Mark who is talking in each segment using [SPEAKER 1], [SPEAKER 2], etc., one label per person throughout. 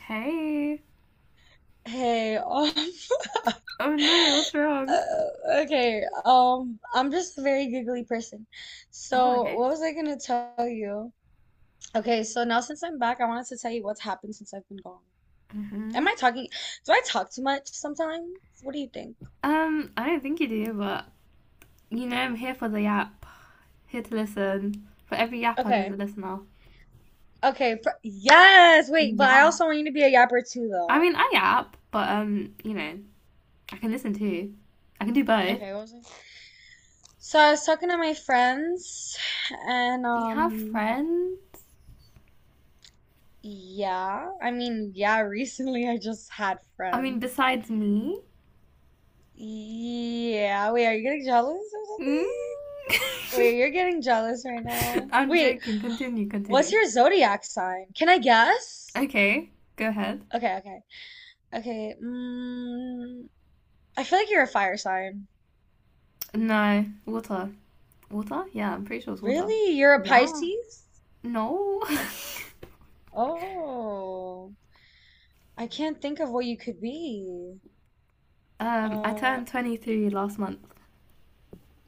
[SPEAKER 1] Hey.
[SPEAKER 2] Hey,
[SPEAKER 1] Oh no, what's wrong?
[SPEAKER 2] uh, okay, I'm just a very giggly person.
[SPEAKER 1] Oh,
[SPEAKER 2] So,
[SPEAKER 1] okay.
[SPEAKER 2] what was I gonna tell you? Okay, so now since I'm back, I wanted to tell you what's happened since I've been gone.
[SPEAKER 1] hmm
[SPEAKER 2] Am I talking? Do I talk too much sometimes? What do you think?
[SPEAKER 1] I don't think you do, but you know, I'm here for the yap. Here to listen. For every yapper, there's a
[SPEAKER 2] Okay,
[SPEAKER 1] listener.
[SPEAKER 2] okay, pr yes, wait, but I
[SPEAKER 1] Yeah.
[SPEAKER 2] also want you to be a yapper too,
[SPEAKER 1] I
[SPEAKER 2] though.
[SPEAKER 1] mean, I yap, but you know, I can listen too. I can do both.
[SPEAKER 2] Okay, what was I? So I was talking to my friends, and
[SPEAKER 1] You have friends?
[SPEAKER 2] yeah, I mean, yeah, recently I just had
[SPEAKER 1] I mean,
[SPEAKER 2] friends.
[SPEAKER 1] besides me?
[SPEAKER 2] Yeah, wait, are you getting jealous or
[SPEAKER 1] Mm?
[SPEAKER 2] something? Wait, you're getting jealous right now.
[SPEAKER 1] I'm
[SPEAKER 2] Wait,
[SPEAKER 1] joking. Continue,
[SPEAKER 2] what's
[SPEAKER 1] continue.
[SPEAKER 2] your zodiac sign? Can I guess?
[SPEAKER 1] Okay, go ahead.
[SPEAKER 2] Okay, okay. Okay, I feel like you're a fire sign.
[SPEAKER 1] No, water. Water? Yeah, I'm pretty sure it's water.
[SPEAKER 2] Really? You're a
[SPEAKER 1] Yeah.
[SPEAKER 2] Pisces?
[SPEAKER 1] No.
[SPEAKER 2] Oh, I can't think of what you could be.
[SPEAKER 1] I
[SPEAKER 2] Uh,
[SPEAKER 1] turned 23 last month.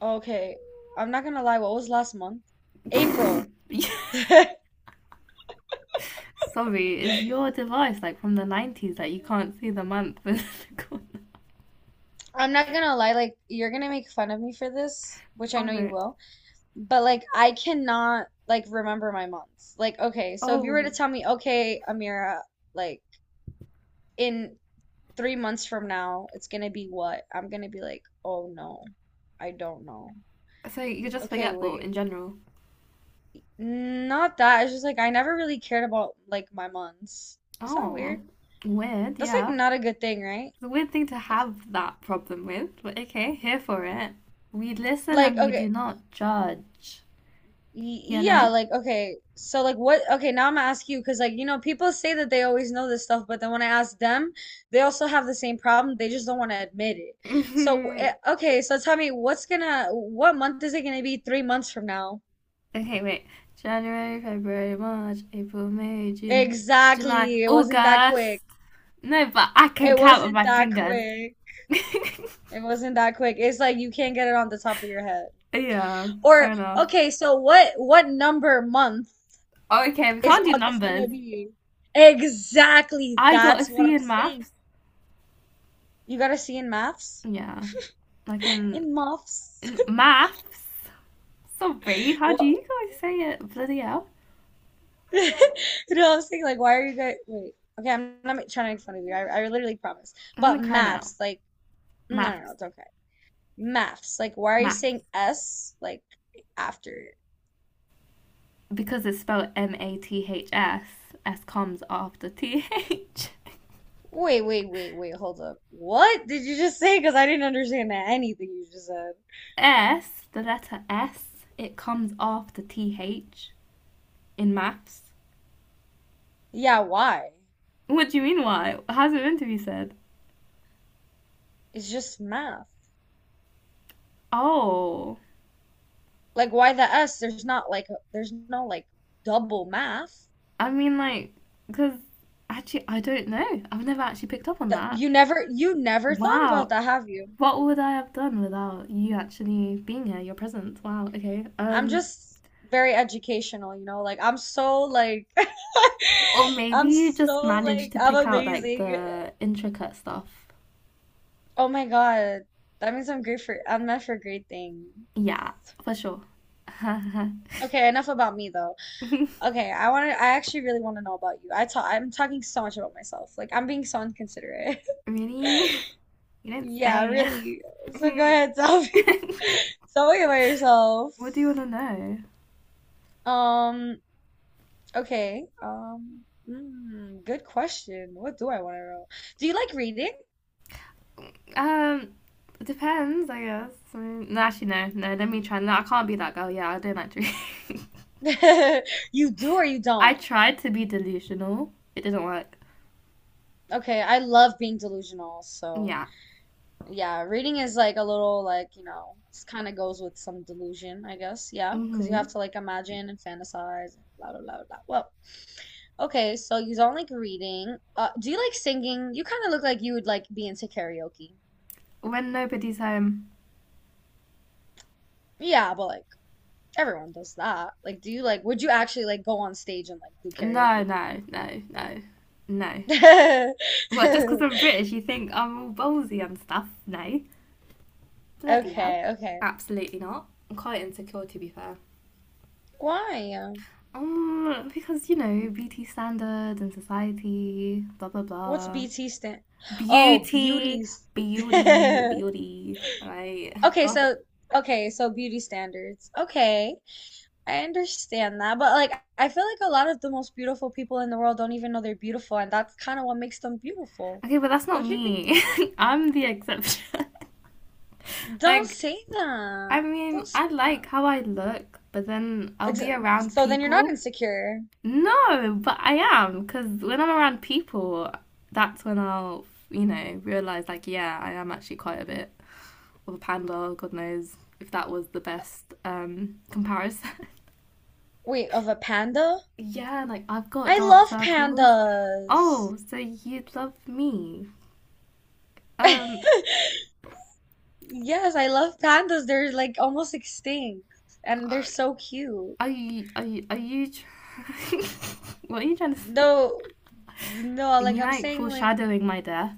[SPEAKER 2] okay. I'm not gonna lie, what was last month? April.
[SPEAKER 1] Sorry, is your device like from the 90s that you can't see the month in the corner?
[SPEAKER 2] I'm not gonna lie, like, you're gonna make fun of me for this, which I
[SPEAKER 1] Oh
[SPEAKER 2] know you
[SPEAKER 1] no.
[SPEAKER 2] will. But like I cannot like remember my months. Like okay, so if you were to
[SPEAKER 1] Oh,
[SPEAKER 2] tell me, okay, Amira, like in 3 months from now, it's gonna be what? I'm gonna be like, oh no, I don't know.
[SPEAKER 1] so you're just
[SPEAKER 2] Okay,
[SPEAKER 1] forgetful
[SPEAKER 2] wait.
[SPEAKER 1] in general.
[SPEAKER 2] Not that. It's just like I never really cared about like my months. Is that
[SPEAKER 1] Oh,
[SPEAKER 2] weird?
[SPEAKER 1] weird,
[SPEAKER 2] That's like
[SPEAKER 1] yeah.
[SPEAKER 2] not a good thing, right?
[SPEAKER 1] It's a weird thing to have that problem with, but okay, here for it. We listen
[SPEAKER 2] Like
[SPEAKER 1] and we do
[SPEAKER 2] okay,
[SPEAKER 1] not judge, you
[SPEAKER 2] yeah,
[SPEAKER 1] know?
[SPEAKER 2] like okay, so like what? Okay, now I'm gonna ask you because like you know people say that they always know this stuff, but then when I ask them, they also have the same problem. They just don't want to admit it. So okay, so tell me what month is it gonna be 3 months from now?
[SPEAKER 1] Okay, wait. January, February, March, April, May, June, July,
[SPEAKER 2] Exactly, it wasn't that quick.
[SPEAKER 1] August. No, but I can
[SPEAKER 2] It
[SPEAKER 1] count with
[SPEAKER 2] wasn't
[SPEAKER 1] my
[SPEAKER 2] that
[SPEAKER 1] fingers.
[SPEAKER 2] quick. It wasn't that quick. It's like you can't get it on the top of your head.
[SPEAKER 1] yeah,
[SPEAKER 2] Or
[SPEAKER 1] fair enough.
[SPEAKER 2] okay, so what number month
[SPEAKER 1] Oh, okay, we
[SPEAKER 2] is
[SPEAKER 1] can't do
[SPEAKER 2] August gonna
[SPEAKER 1] numbers.
[SPEAKER 2] be? Exactly,
[SPEAKER 1] I got a
[SPEAKER 2] that's what
[SPEAKER 1] C
[SPEAKER 2] I'm
[SPEAKER 1] in
[SPEAKER 2] saying.
[SPEAKER 1] maths.
[SPEAKER 2] You got a C in maths?
[SPEAKER 1] Yeah, like in,
[SPEAKER 2] In maths?
[SPEAKER 1] in maths. Sorry, how do
[SPEAKER 2] What?
[SPEAKER 1] you guys say it? Bloody hell.
[SPEAKER 2] You No, I was thinking like, why are you guys? Wait. Okay, I'm not trying to make fun of you. I literally promise.
[SPEAKER 1] I'm gonna
[SPEAKER 2] But
[SPEAKER 1] cry now.
[SPEAKER 2] maths, like, no, no, no,
[SPEAKER 1] Maths.
[SPEAKER 2] it's okay. Maths, like, why are you saying
[SPEAKER 1] Maths.
[SPEAKER 2] S like after it?
[SPEAKER 1] Because it's spelled MATHS, S comes after T H.
[SPEAKER 2] Wait, wait, wait, wait. Hold up. What did you just say? Because I didn't understand anything you just said.
[SPEAKER 1] S, the letter S, it comes after TH in maths.
[SPEAKER 2] Yeah, why?
[SPEAKER 1] What do you mean, why? How's it meant to be said?
[SPEAKER 2] It's just math.
[SPEAKER 1] Oh,
[SPEAKER 2] Like, why the S? There's not like, there's no like double math.
[SPEAKER 1] I mean, like, because actually, I don't know. I've never actually picked up on
[SPEAKER 2] That
[SPEAKER 1] that.
[SPEAKER 2] you never thought about
[SPEAKER 1] Wow.
[SPEAKER 2] that, have you?
[SPEAKER 1] What would I have done without you actually being here, your presence? Wow, okay.
[SPEAKER 2] I'm just very educational, you know? Like I'm so like
[SPEAKER 1] Or maybe
[SPEAKER 2] I'm
[SPEAKER 1] you just
[SPEAKER 2] so
[SPEAKER 1] managed
[SPEAKER 2] like
[SPEAKER 1] to
[SPEAKER 2] I'm
[SPEAKER 1] pick out like
[SPEAKER 2] amazing.
[SPEAKER 1] the intricate stuff.
[SPEAKER 2] Oh my God. That means I'm great for I'm meant for great things.
[SPEAKER 1] Yeah, for sure.
[SPEAKER 2] Okay, enough about me though.
[SPEAKER 1] really?
[SPEAKER 2] Okay, I actually really want to know about you. I'm talking so much about myself. Like I'm being so inconsiderate.
[SPEAKER 1] You don't
[SPEAKER 2] Yeah,
[SPEAKER 1] say.
[SPEAKER 2] really. So go ahead, tell me. Tell me about yourself.
[SPEAKER 1] What do you want to know?
[SPEAKER 2] Um, Okay. Good question. What do I want to know? Do you like reading?
[SPEAKER 1] Um, it depends, I guess. I mean, no, actually, no, no. Let me try. No, I can't be that girl. Yeah, I don't like to.
[SPEAKER 2] You do or you
[SPEAKER 1] I
[SPEAKER 2] don't?
[SPEAKER 1] tried to be delusional. It didn't work.
[SPEAKER 2] Okay, I love being delusional, so
[SPEAKER 1] Yeah.
[SPEAKER 2] yeah, reading is like a little like, it's kind of goes with some delusion, I guess. Yeah, because you
[SPEAKER 1] hmm
[SPEAKER 2] have to like imagine and fantasize and blah blah blah blah. Well, okay, so you don't like reading. Do you like singing? You kind of look like you would like be into karaoke.
[SPEAKER 1] When nobody's home.
[SPEAKER 2] Yeah, but like everyone does that. Like, do you like, would you actually like go on stage and like do
[SPEAKER 1] No,
[SPEAKER 2] karaoke?
[SPEAKER 1] no, no, no, no. What? Just because I'm British, you think I'm all ballsy and stuff? No. Bloody hell.
[SPEAKER 2] Okay, okay.
[SPEAKER 1] Absolutely not. I'm quite insecure, to be fair.
[SPEAKER 2] Why?
[SPEAKER 1] Because you know beauty standard and society, blah blah
[SPEAKER 2] What's
[SPEAKER 1] blah.
[SPEAKER 2] BT stand? Oh,
[SPEAKER 1] Beauty,
[SPEAKER 2] beauties.
[SPEAKER 1] beauty, beauty. Right.
[SPEAKER 2] Okay,
[SPEAKER 1] Gosh.
[SPEAKER 2] so okay, so beauty standards. Okay, I understand that, but like I feel like a lot of the most beautiful people in the world don't even know they're beautiful, and that's kind of what makes them beautiful.
[SPEAKER 1] Okay, but that's not
[SPEAKER 2] Don't you think
[SPEAKER 1] me.
[SPEAKER 2] so?
[SPEAKER 1] I'm the exception.
[SPEAKER 2] Don't
[SPEAKER 1] Like,
[SPEAKER 2] say
[SPEAKER 1] I
[SPEAKER 2] that.
[SPEAKER 1] mean,
[SPEAKER 2] Don't say
[SPEAKER 1] I
[SPEAKER 2] that.
[SPEAKER 1] like how I look, but then I'll
[SPEAKER 2] Ex-
[SPEAKER 1] be around
[SPEAKER 2] So then you're not
[SPEAKER 1] people.
[SPEAKER 2] insecure.
[SPEAKER 1] No, but I am, because when I'm around people, that's when I'll, you know, realize, like, yeah, I am actually quite a bit of a panda, God knows if that was the best comparison.
[SPEAKER 2] Wait, of a panda?
[SPEAKER 1] Yeah, like I've got
[SPEAKER 2] I
[SPEAKER 1] dark
[SPEAKER 2] love
[SPEAKER 1] circles.
[SPEAKER 2] pandas.
[SPEAKER 1] Oh, so you'd love me. Um,
[SPEAKER 2] Yes, I love pandas. They're like almost extinct and they're
[SPEAKER 1] uh,
[SPEAKER 2] so cute.
[SPEAKER 1] are you, what are you trying to say?
[SPEAKER 2] No, no,
[SPEAKER 1] Are
[SPEAKER 2] like
[SPEAKER 1] you
[SPEAKER 2] I'm
[SPEAKER 1] like
[SPEAKER 2] saying like
[SPEAKER 1] foreshadowing my death?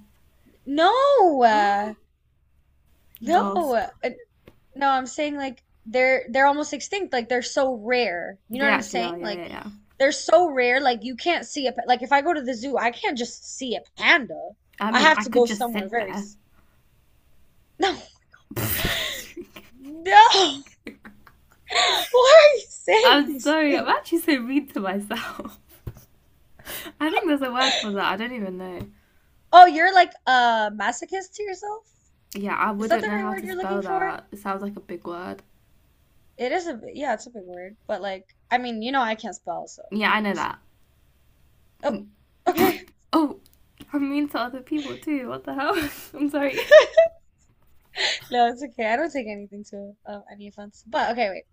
[SPEAKER 2] no. No.
[SPEAKER 1] Gasp.
[SPEAKER 2] No, I'm saying like they're almost extinct. Like they're so rare. You know
[SPEAKER 1] They
[SPEAKER 2] what I'm
[SPEAKER 1] actually are,
[SPEAKER 2] saying?
[SPEAKER 1] yeah,
[SPEAKER 2] Like
[SPEAKER 1] yeah, yeah.
[SPEAKER 2] they're so rare like you can't see a like if I go to the zoo, I can't just see a panda.
[SPEAKER 1] I
[SPEAKER 2] I
[SPEAKER 1] mean,
[SPEAKER 2] have
[SPEAKER 1] I
[SPEAKER 2] to
[SPEAKER 1] could
[SPEAKER 2] go
[SPEAKER 1] just
[SPEAKER 2] somewhere
[SPEAKER 1] sit
[SPEAKER 2] very
[SPEAKER 1] there.
[SPEAKER 2] s- No. No. Why are you saying
[SPEAKER 1] I'm
[SPEAKER 2] these
[SPEAKER 1] sorry, I'm
[SPEAKER 2] things?
[SPEAKER 1] actually so mean to myself. I think there's a word for that, I don't even know.
[SPEAKER 2] Oh, you're like a masochist to yourself?
[SPEAKER 1] Yeah, I
[SPEAKER 2] Is that
[SPEAKER 1] wouldn't
[SPEAKER 2] the
[SPEAKER 1] know
[SPEAKER 2] right
[SPEAKER 1] how
[SPEAKER 2] word
[SPEAKER 1] to
[SPEAKER 2] you're
[SPEAKER 1] spell
[SPEAKER 2] looking for?
[SPEAKER 1] that. It sounds like a big word.
[SPEAKER 2] It is yeah, it's a big word, but like I mean, you know I can't spell, so
[SPEAKER 1] Yeah, I know
[SPEAKER 2] honestly.
[SPEAKER 1] that.
[SPEAKER 2] Oh, okay.
[SPEAKER 1] Oh, I'm mean to other people too. What the hell? I'm sorry.
[SPEAKER 2] No, it's okay. I don't take anything to any offense. But okay, wait.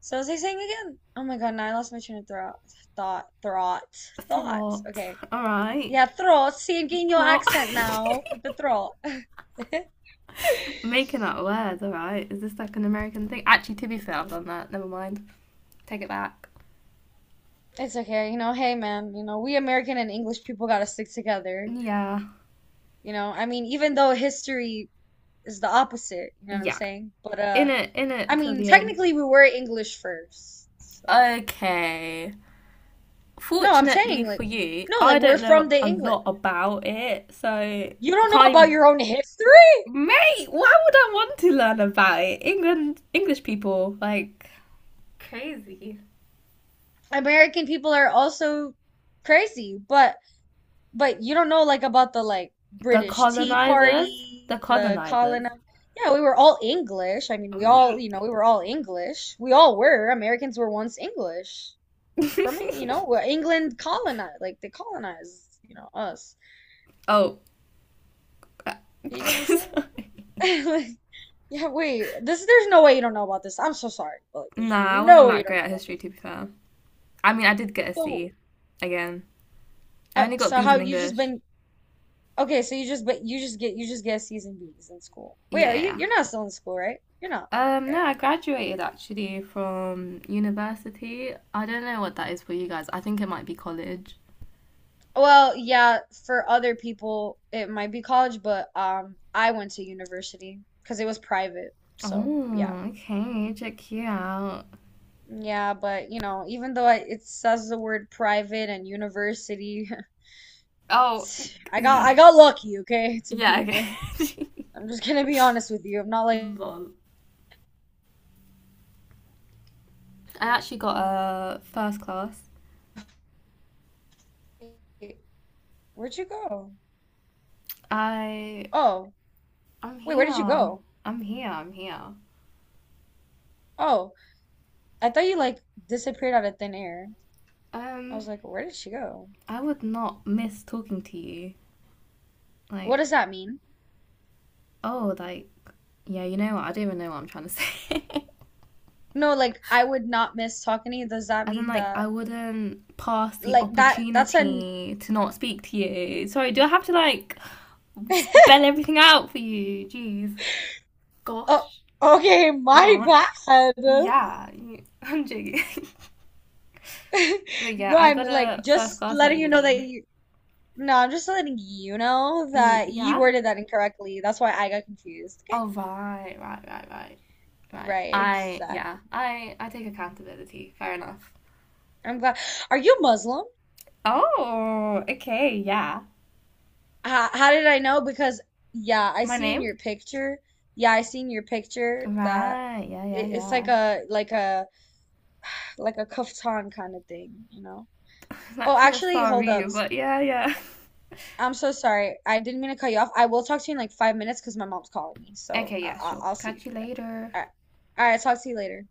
[SPEAKER 2] So was I saying again? Oh my God, now I lost my train of thought. Thought, thought, thought.
[SPEAKER 1] Throt.
[SPEAKER 2] Okay.
[SPEAKER 1] Alright.
[SPEAKER 2] Yeah, throat. See, I'm getting your
[SPEAKER 1] Throt.
[SPEAKER 2] accent now with the throat.
[SPEAKER 1] Making up words, alright. Is this like an American thing? Actually, to be fair, I've done that. Never mind. Take it back.
[SPEAKER 2] It's okay, hey man, we American and English people gotta stick together.
[SPEAKER 1] Yeah.
[SPEAKER 2] I mean, even though history is the opposite, you know what I'm
[SPEAKER 1] Yeah.
[SPEAKER 2] saying? But
[SPEAKER 1] In it, in
[SPEAKER 2] I
[SPEAKER 1] it till
[SPEAKER 2] mean,
[SPEAKER 1] the end.
[SPEAKER 2] technically we were English first. So
[SPEAKER 1] Okay.
[SPEAKER 2] no, I'm
[SPEAKER 1] Fortunately
[SPEAKER 2] saying
[SPEAKER 1] for
[SPEAKER 2] like
[SPEAKER 1] you,
[SPEAKER 2] no, like
[SPEAKER 1] I
[SPEAKER 2] we're
[SPEAKER 1] don't
[SPEAKER 2] from
[SPEAKER 1] know
[SPEAKER 2] the
[SPEAKER 1] a
[SPEAKER 2] England.
[SPEAKER 1] lot about it, so I
[SPEAKER 2] You don't know
[SPEAKER 1] can't
[SPEAKER 2] about
[SPEAKER 1] even.
[SPEAKER 2] your own history?
[SPEAKER 1] Mate, why would I want to learn about it? England, English people, like crazy.
[SPEAKER 2] American people are also crazy, but you don't know like about the like
[SPEAKER 1] The
[SPEAKER 2] British Tea
[SPEAKER 1] colonizers. The
[SPEAKER 2] Party, the colon.
[SPEAKER 1] colonizers.
[SPEAKER 2] Yeah, we were all English. I mean, we were all English. We all were. Americans were once English. For me, England colonized, like they colonized, us.
[SPEAKER 1] oh.
[SPEAKER 2] You get what I'm saying?
[SPEAKER 1] Sorry.
[SPEAKER 2] Like, yeah, wait. This there's no way you don't know about this. I'm so sorry, but like, there's
[SPEAKER 1] Nah, I wasn't
[SPEAKER 2] no way you
[SPEAKER 1] that
[SPEAKER 2] don't
[SPEAKER 1] great
[SPEAKER 2] know
[SPEAKER 1] at
[SPEAKER 2] about
[SPEAKER 1] history,
[SPEAKER 2] this.
[SPEAKER 1] to be fair. I mean, I did get a C.
[SPEAKER 2] So,
[SPEAKER 1] Again. I
[SPEAKER 2] uh,
[SPEAKER 1] only got
[SPEAKER 2] so
[SPEAKER 1] B's
[SPEAKER 2] how
[SPEAKER 1] in
[SPEAKER 2] you just
[SPEAKER 1] English.
[SPEAKER 2] been. Okay, so you just but you just get C's and B's in school. Wait,
[SPEAKER 1] Yeah,
[SPEAKER 2] are
[SPEAKER 1] yeah,
[SPEAKER 2] you
[SPEAKER 1] yeah.
[SPEAKER 2] you're not still in school, right? You're not, right?
[SPEAKER 1] No, I graduated actually from university. I don't know what that is for you guys. I think it might be college.
[SPEAKER 2] Well, yeah, for other people it might be college, but I went to university because it was private. So, yeah.
[SPEAKER 1] Oh, okay. Check you out.
[SPEAKER 2] Yeah, but you know, even though it says the word private and university,
[SPEAKER 1] Oh,
[SPEAKER 2] I got
[SPEAKER 1] yeah.
[SPEAKER 2] I got lucky, okay, to be
[SPEAKER 1] Yeah,
[SPEAKER 2] in there.
[SPEAKER 1] okay.
[SPEAKER 2] I'm just gonna be honest with you. I'm not like,
[SPEAKER 1] Lol. I actually got a first class
[SPEAKER 2] where'd you go?
[SPEAKER 1] I
[SPEAKER 2] Oh,
[SPEAKER 1] I.'m
[SPEAKER 2] wait, where did you
[SPEAKER 1] here.
[SPEAKER 2] go?
[SPEAKER 1] I'm here. I'm here.
[SPEAKER 2] Oh, I thought you like disappeared out of thin air. I
[SPEAKER 1] Um,
[SPEAKER 2] was like, where did she go?
[SPEAKER 1] I would not miss talking to you. Like,
[SPEAKER 2] What does that mean?
[SPEAKER 1] oh, like, yeah, you know what? I don't even know what I'm trying to say.
[SPEAKER 2] No, like I would not miss talking to you. Does that
[SPEAKER 1] As in,
[SPEAKER 2] mean
[SPEAKER 1] like, I
[SPEAKER 2] that
[SPEAKER 1] wouldn't pass the
[SPEAKER 2] like that that's an
[SPEAKER 1] opportunity to not speak to you. Sorry, do I have to like spell everything out for you? Jeez,
[SPEAKER 2] oh
[SPEAKER 1] gosh.
[SPEAKER 2] okay, my
[SPEAKER 1] Right.
[SPEAKER 2] bad.
[SPEAKER 1] Yeah, you- I'm joking. but yeah,
[SPEAKER 2] No,
[SPEAKER 1] I
[SPEAKER 2] I'm
[SPEAKER 1] got
[SPEAKER 2] like
[SPEAKER 1] a first
[SPEAKER 2] just
[SPEAKER 1] class at
[SPEAKER 2] letting you know that
[SPEAKER 1] uni.
[SPEAKER 2] you no, I'm just letting you know
[SPEAKER 1] Y-
[SPEAKER 2] that you
[SPEAKER 1] yeah.
[SPEAKER 2] worded that incorrectly. That's why I got confused. Okay?
[SPEAKER 1] Oh right, right, right, right. Right.
[SPEAKER 2] Right,
[SPEAKER 1] I yeah.
[SPEAKER 2] exactly.
[SPEAKER 1] I take accountability. Fair enough.
[SPEAKER 2] I'm glad. Are you Muslim?
[SPEAKER 1] Oh, okay, yeah.
[SPEAKER 2] How did I know? Because yeah, I
[SPEAKER 1] My
[SPEAKER 2] see in
[SPEAKER 1] name?
[SPEAKER 2] your picture. Yeah, I see in your picture that
[SPEAKER 1] Right. Yeah. Yeah.
[SPEAKER 2] it's like
[SPEAKER 1] Yeah.
[SPEAKER 2] a like a kaftan kind of thing, you know? Oh,
[SPEAKER 1] Naturally, I'm
[SPEAKER 2] actually, hold
[SPEAKER 1] sorry,
[SPEAKER 2] up.
[SPEAKER 1] but yeah. Yeah.
[SPEAKER 2] I'm so sorry. I didn't mean to cut you off. I will talk to you in like 5 minutes because my mom's calling me. So
[SPEAKER 1] Okay. Yeah. Sure.
[SPEAKER 2] I'll see you.
[SPEAKER 1] Catch you
[SPEAKER 2] Okay.
[SPEAKER 1] later.
[SPEAKER 2] All right. All right. Talk to you later.